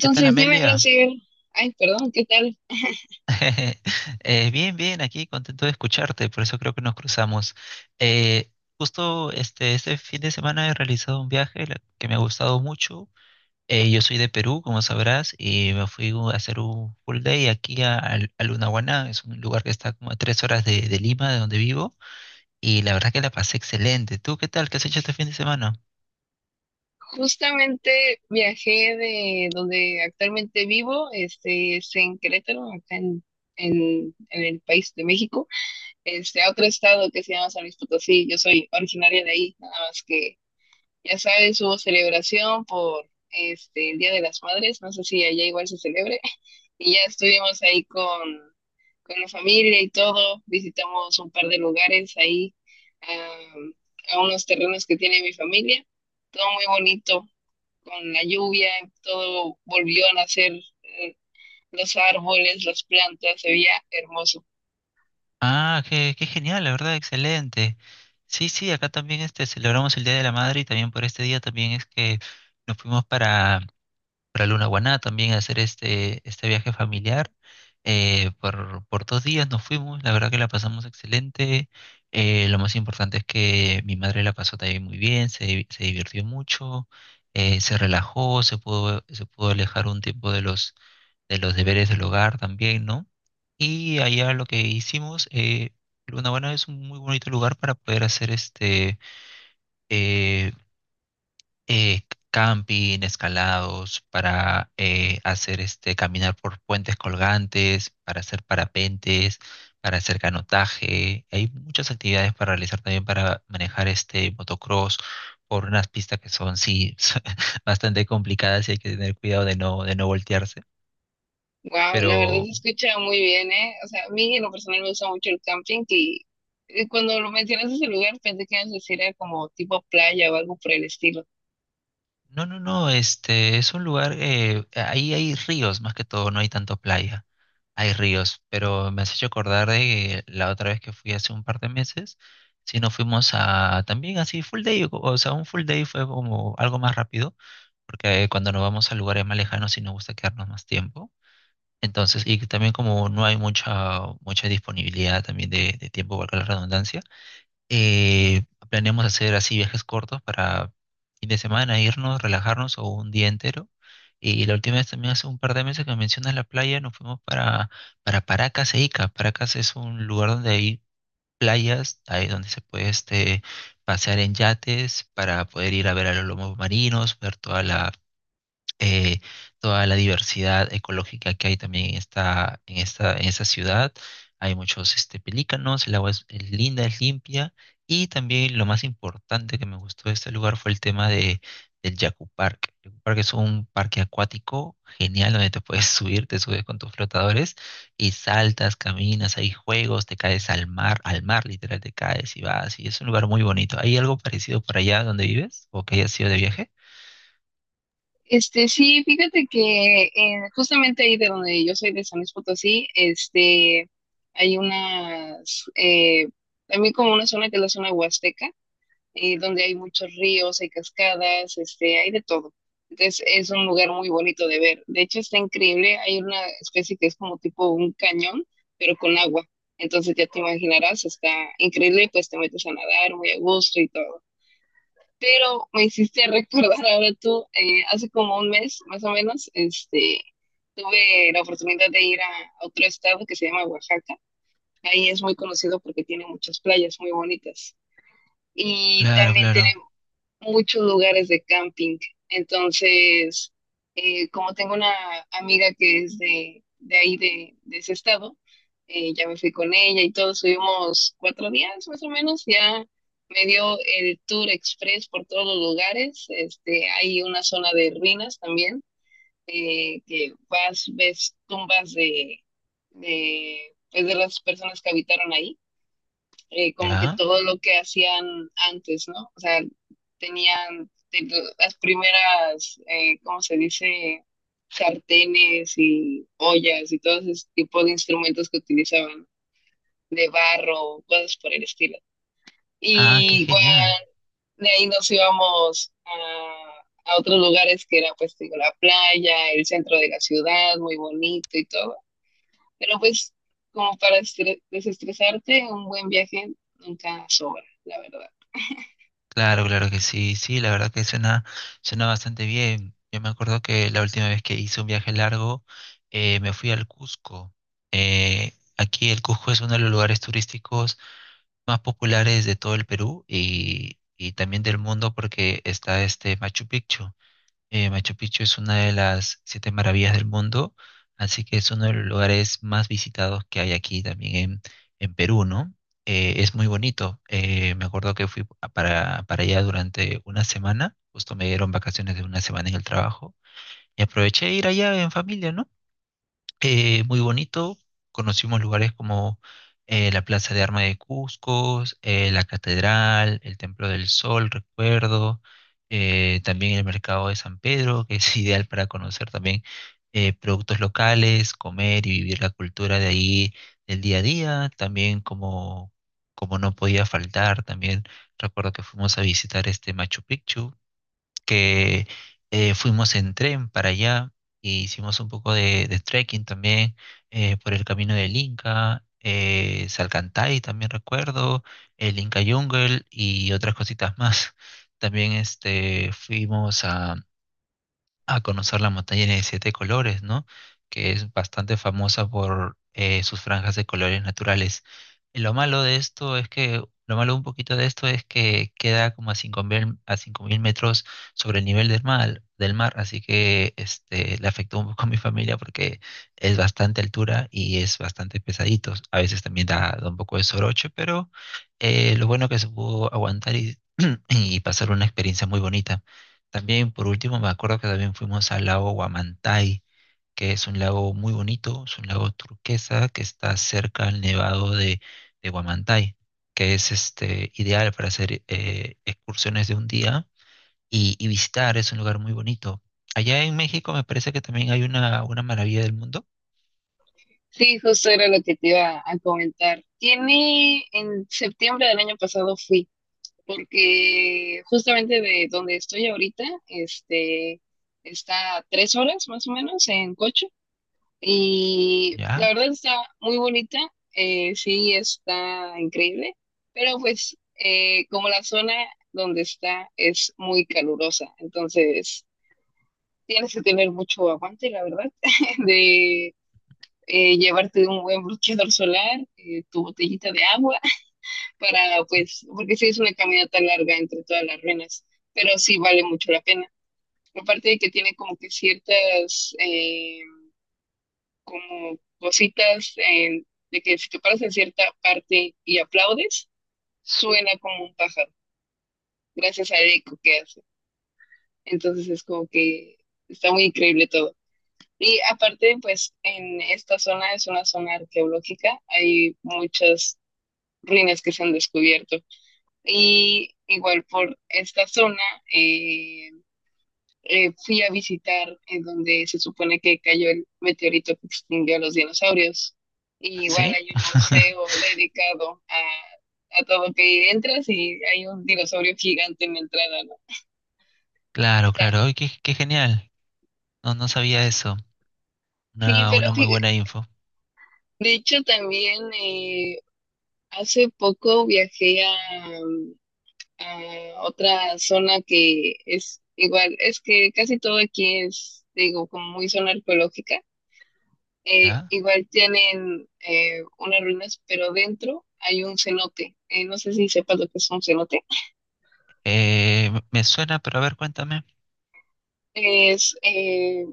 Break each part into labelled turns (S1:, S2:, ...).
S1: ¿Qué tal,
S2: dime,
S1: Amelia?
S2: Graciel, ay, perdón, ¿qué tal?
S1: Bien, bien, aquí contento de escucharte, por eso creo que nos cruzamos. Eh, Justo este fin de semana he realizado un que me ha gustado mucho. Yo soy de Perú, como sabrás, y a hacer un full day aquí a Lunahuaná. Es un lugar que está como a tres horas de Lima, de donde vivo, y la verdad que la pasé excelente. ¿Tú qué tal? ¿Qué has hecho este fin de semana?
S2: Justamente viajé de donde actualmente vivo, es en Querétaro, en el país de México, a otro estado que se llama San Luis Potosí. Yo soy originaria de ahí, nada más que, ya sabes, hubo celebración por el Día de las Madres, no sé si allá igual se celebre. Y ya estuvimos ahí con la familia y todo, visitamos un par de lugares ahí, am, a unos terrenos que tiene mi familia, todo muy bonito, con la lluvia, todo volvió a nacer, eh, los árboles, las plantas, se veía hermoso.
S1: Ah, qué genial, la verdad, excelente. Sí, sí, acá también celebramos el Día de la Madre, y también por este día también es que nos fuimos para Luna Guaná también a hacer este viaje familiar. Por dos días nos fuimos, la verdad que la pasamos excelente. Lo más importante es que mi madre la pasó también muy bien, se divirtió mucho, se relajó, se pudo alejar un tiempo de de los deberes del hogar también, ¿no? Y allá lo que hicimos, Luna Guaná es un muy bonito lugar para poder hacer eh, eh, camping, escalados, para hacer caminar por puentes colgantes, para hacer parapentes, para hacer canotaje. Hay muchas actividades para realizar, también para manejar este motocross por unas pistas que son, sí, bastante complicadas, y hay que tener cuidado de no voltearse.
S2: Wow, la verdad
S1: Pero
S2: se escucha muy bien, ¿eh? O sea, a mí en lo personal me gusta mucho el camping, y cuando lo mencionaste ese lugar pensé que ibas a decir era como tipo playa o algo por el estilo.
S1: no, no, no, este es un lugar, ahí hay ríos más que todo, no hay tanto playa, hay ríos, pero me has hecho acordar de la otra vez que fui hace un par de meses, si nos fuimos a también así full day. O sea, un full day fue como algo más rápido, porque cuando nos vamos a lugares más lejanos sí nos gusta quedarnos más tiempo, entonces, y también como no hay mucha disponibilidad también de tiempo, valga la redundancia. eh, Planeamos hacer así viajes cortos para fin de semana, irnos, relajarnos, o un día entero. Y la última vez también, hace un par de meses que mencionas la playa, nos fuimos para Paracas e Ica. Paracas es un lugar donde hay playas, ahí donde se puede pasear en yates para poder ir a ver a los lomos marinos, ver eh, toda la diversidad ecológica que hay también en en esta ciudad. Hay muchos pelícanos, el agua es linda, es limpia. Y también lo más importante que me gustó de este lugar fue el tema del Yaku Park. El Yaku Park es un parque acuático genial donde te puedes subir, te subes con tus flotadores y saltas, caminas, hay juegos, te caes al mar, al mar, literal, te caes y vas. Y es un lugar muy bonito. ¿Hay algo parecido por allá donde vives o que hayas ido de viaje?
S2: Este, sí, fíjate que justamente ahí de donde yo soy, de San Luis Potosí, hay unas, también como una zona que es la zona huasteca, donde hay muchos ríos, hay cascadas, hay de todo. Entonces es un lugar muy bonito de ver. De hecho está increíble, hay una especie que es como tipo un cañón, pero con agua. Entonces ya te imaginarás, está increíble, pues te metes a nadar muy a gusto y todo. Pero me hiciste recordar ahora tú, hace como un mes más o menos, tuve la oportunidad de ir a otro estado que se llama Oaxaca. Ahí es muy conocido porque tiene muchas playas muy bonitas. Y
S1: Claro,
S2: también
S1: claro.
S2: tiene muchos lugares de camping. Entonces, como tengo una amiga que es de ahí, de ese estado, ya me fui con ella y todos subimos cuatro días más o menos, ya me dio el tour express por todos los lugares. Este, hay una zona de ruinas también, que vas, ves tumbas pues, de las personas que habitaron ahí, como que
S1: ¿Ya?
S2: todo lo que hacían antes, ¿no? O sea, tenían las primeras, ¿cómo se dice? Sartenes y ollas y todos ese tipo de instrumentos que utilizaban, de barro, cosas por el estilo.
S1: Ah, qué
S2: Y igual
S1: genial.
S2: de ahí nos íbamos a otros lugares que era, pues digo, la playa, el centro de la ciudad, muy bonito y todo. Pero pues como para desestresarte, un buen viaje nunca sobra, la verdad.
S1: Claro, claro que sí, sí, la verdad que suena, suena bastante bien. Yo me acuerdo que la última vez que hice un viaje largo, me fui al Cusco. Aquí el Cusco es uno de los lugares turísticos más populares de todo el Perú, y también del mundo, porque está este Machu Picchu. Machu Picchu es una de las siete maravillas del mundo, así que es uno de los lugares más visitados que hay aquí también en Perú, ¿no? Es muy bonito. Me acuerdo que para allá durante una semana, justo me dieron vacaciones de una semana en el trabajo, y aproveché de ir allá en familia, ¿no? Muy bonito. Conocimos lugares como la Plaza de Armas de Cusco, la Catedral, el Templo del Sol, recuerdo, también el Mercado de San Pedro, que es ideal para conocer también productos locales, comer y vivir la cultura de ahí del día a día. También como, como no podía faltar, también recuerdo que fuimos a visitar este Machu Picchu, que fuimos en tren para allá, e hicimos un poco de trekking también, por el camino del Inca, Salcantay también recuerdo, el Inca Jungle y otras cositas más. También fuimos a conocer la montaña de siete colores, ¿no? Que es bastante famosa por sus franjas de colores naturales. Y lo malo de esto es que, lo malo un poquito de esto, es que queda como a 5.000, a 5.000 metros sobre el nivel del mar, así que este, le afectó un poco a mi familia, porque es bastante altura y es bastante pesadito. A veces también da un poco de soroche, pero lo bueno que se pudo aguantar, y, y pasar una experiencia muy bonita. También, por último, me acuerdo que también fuimos al lago Huamantay, que es un lago muy bonito, es un lago turquesa que está cerca al nevado de Huamantay, que es este, ideal para hacer excursiones de un día, y visitar. Es un lugar muy bonito. Allá en México me parece que también hay una maravilla del mundo.
S2: Sí, justo era lo que te iba a comentar. Tiene, en septiembre del año pasado fui, porque justamente de donde estoy ahorita, está a tres horas más o menos en coche. Y la
S1: ¿Ya?
S2: verdad está muy bonita, sí está increíble, pero pues como la zona donde está es muy calurosa, entonces tienes que tener mucho aguante, la verdad, de llevarte un buen bloqueador solar, tu botellita de agua, para pues, porque sí es una caminata larga entre todas las ruinas, pero sí vale mucho la pena. Aparte de que tiene como que ciertas como cositas, de que si te paras en cierta parte y aplaudes, suena como un pájaro, gracias al eco que hace. Entonces es como que está muy increíble todo. Y aparte, pues en esta zona, es una zona arqueológica, hay muchas ruinas que se han descubierto. Y igual por esta zona, eh, fui a visitar, donde se supone que cayó el meteorito que extinguió a los dinosaurios. Y igual
S1: ¿Sí?
S2: hay un museo dedicado a todo, que entras y hay un dinosaurio gigante en la entrada, ¿no?
S1: Claro,
S2: Está-
S1: claro. Ay, qué genial, no, no sabía eso,
S2: sí, pero
S1: una muy buena info.
S2: de hecho también, hace poco viajé a otra zona que es igual, es que casi todo aquí es, digo, como muy zona arqueológica.
S1: ¿Ya?
S2: Igual tienen unas ruinas, pero dentro hay un cenote. No sé si sepas lo que es un cenote.
S1: Me suena, pero a ver, cuéntame.
S2: Es,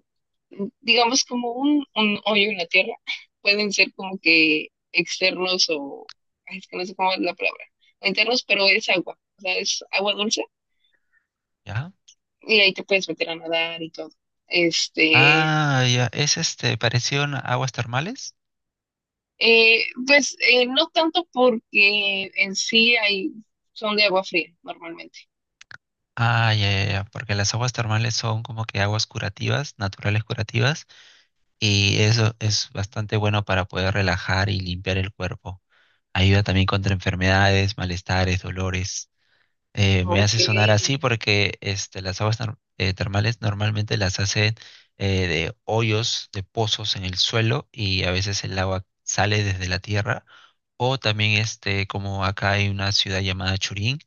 S2: digamos, como un hoyo en la tierra. Pueden ser como que externos o, ay, es que no sé cómo es la palabra, o internos, pero es agua, o sea, es agua dulce,
S1: ¿Ya?
S2: y ahí te puedes meter a nadar y todo. Este,
S1: Ah, ya, es este, parecido a aguas termales.
S2: Pues no tanto porque en sí hay, son de agua fría normalmente.
S1: Ah, ya, ya, ya, porque las aguas termales son como que aguas curativas, naturales curativas, y eso es bastante bueno para poder relajar y limpiar el cuerpo. Ayuda también contra enfermedades, malestares, dolores. Me
S2: Ok.
S1: hace sonar así porque este, las aguas nor- termales normalmente las hacen de hoyos, de pozos en el suelo, y a veces el agua sale desde la tierra. O también este, como acá hay una ciudad llamada Churín,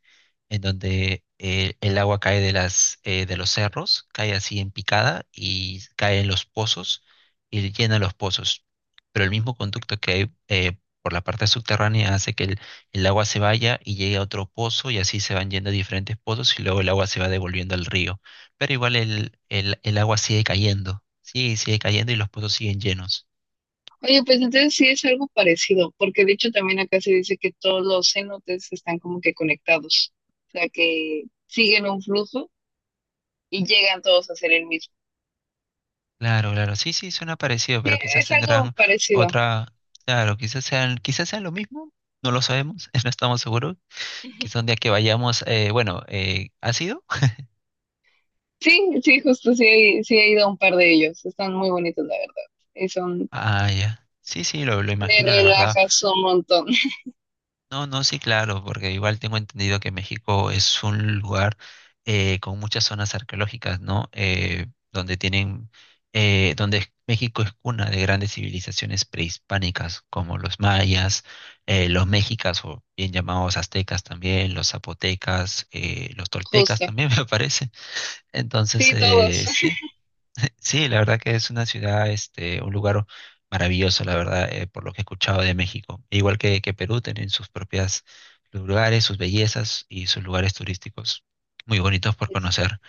S1: en donde el agua cae de de los cerros, cae así en picada y cae en los pozos, y llena los pozos. Pero el mismo conducto que hay por la parte subterránea hace que el agua se vaya y llegue a otro pozo, y así se van yendo a diferentes pozos, y luego el agua se va devolviendo al río. Pero igual el agua sigue cayendo, sigue cayendo, y los pozos siguen llenos.
S2: Oye, pues entonces sí es algo parecido, porque de hecho también acá se dice que todos los cenotes están como que conectados, o sea que siguen un flujo y llegan todos a ser el mismo.
S1: Claro, claro, sí, sí, suena parecido,
S2: Sí,
S1: pero quizás
S2: es algo
S1: tendrán
S2: parecido.
S1: otra, claro, quizás sean lo mismo, no lo sabemos, no estamos seguros. Quizás un día que vayamos, bueno, ¿ha sido?
S2: Sí, sí, justo sí, sí he ido a un par de ellos, están muy bonitos la verdad, y son,
S1: Ah, ya. Sí, sí, lo
S2: te
S1: imagino, la verdad.
S2: relajas un montón.
S1: No, no, sí, claro, porque igual tengo entendido que México es un lugar con muchas zonas arqueológicas, ¿no? Donde tienen, México es cuna de grandes civilizaciones prehispánicas, como los mayas, los mexicas, o bien llamados aztecas también, los zapotecas, los toltecas
S2: Justo.
S1: también me parece. Entonces,
S2: Sí, todos.
S1: sí, sí, la verdad que es una ciudad, este, un lugar maravilloso, la verdad, por lo que he escuchado de México. Igual que Perú, tienen sus propias lugares, sus bellezas y sus lugares turísticos muy bonitos por conocer.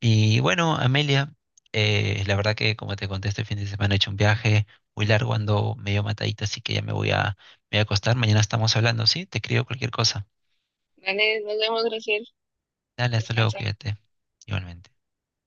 S1: Y bueno, Amelia, la verdad que como te conté, este fin de semana he hecho un viaje muy largo, ando medio matadita, así que ya me voy a acostar. Mañana estamos hablando, ¿sí? Te escribo cualquier cosa.
S2: Vale, nos vemos, Graciela.
S1: Dale, hasta luego,
S2: Descansa.
S1: cuídate. Igualmente.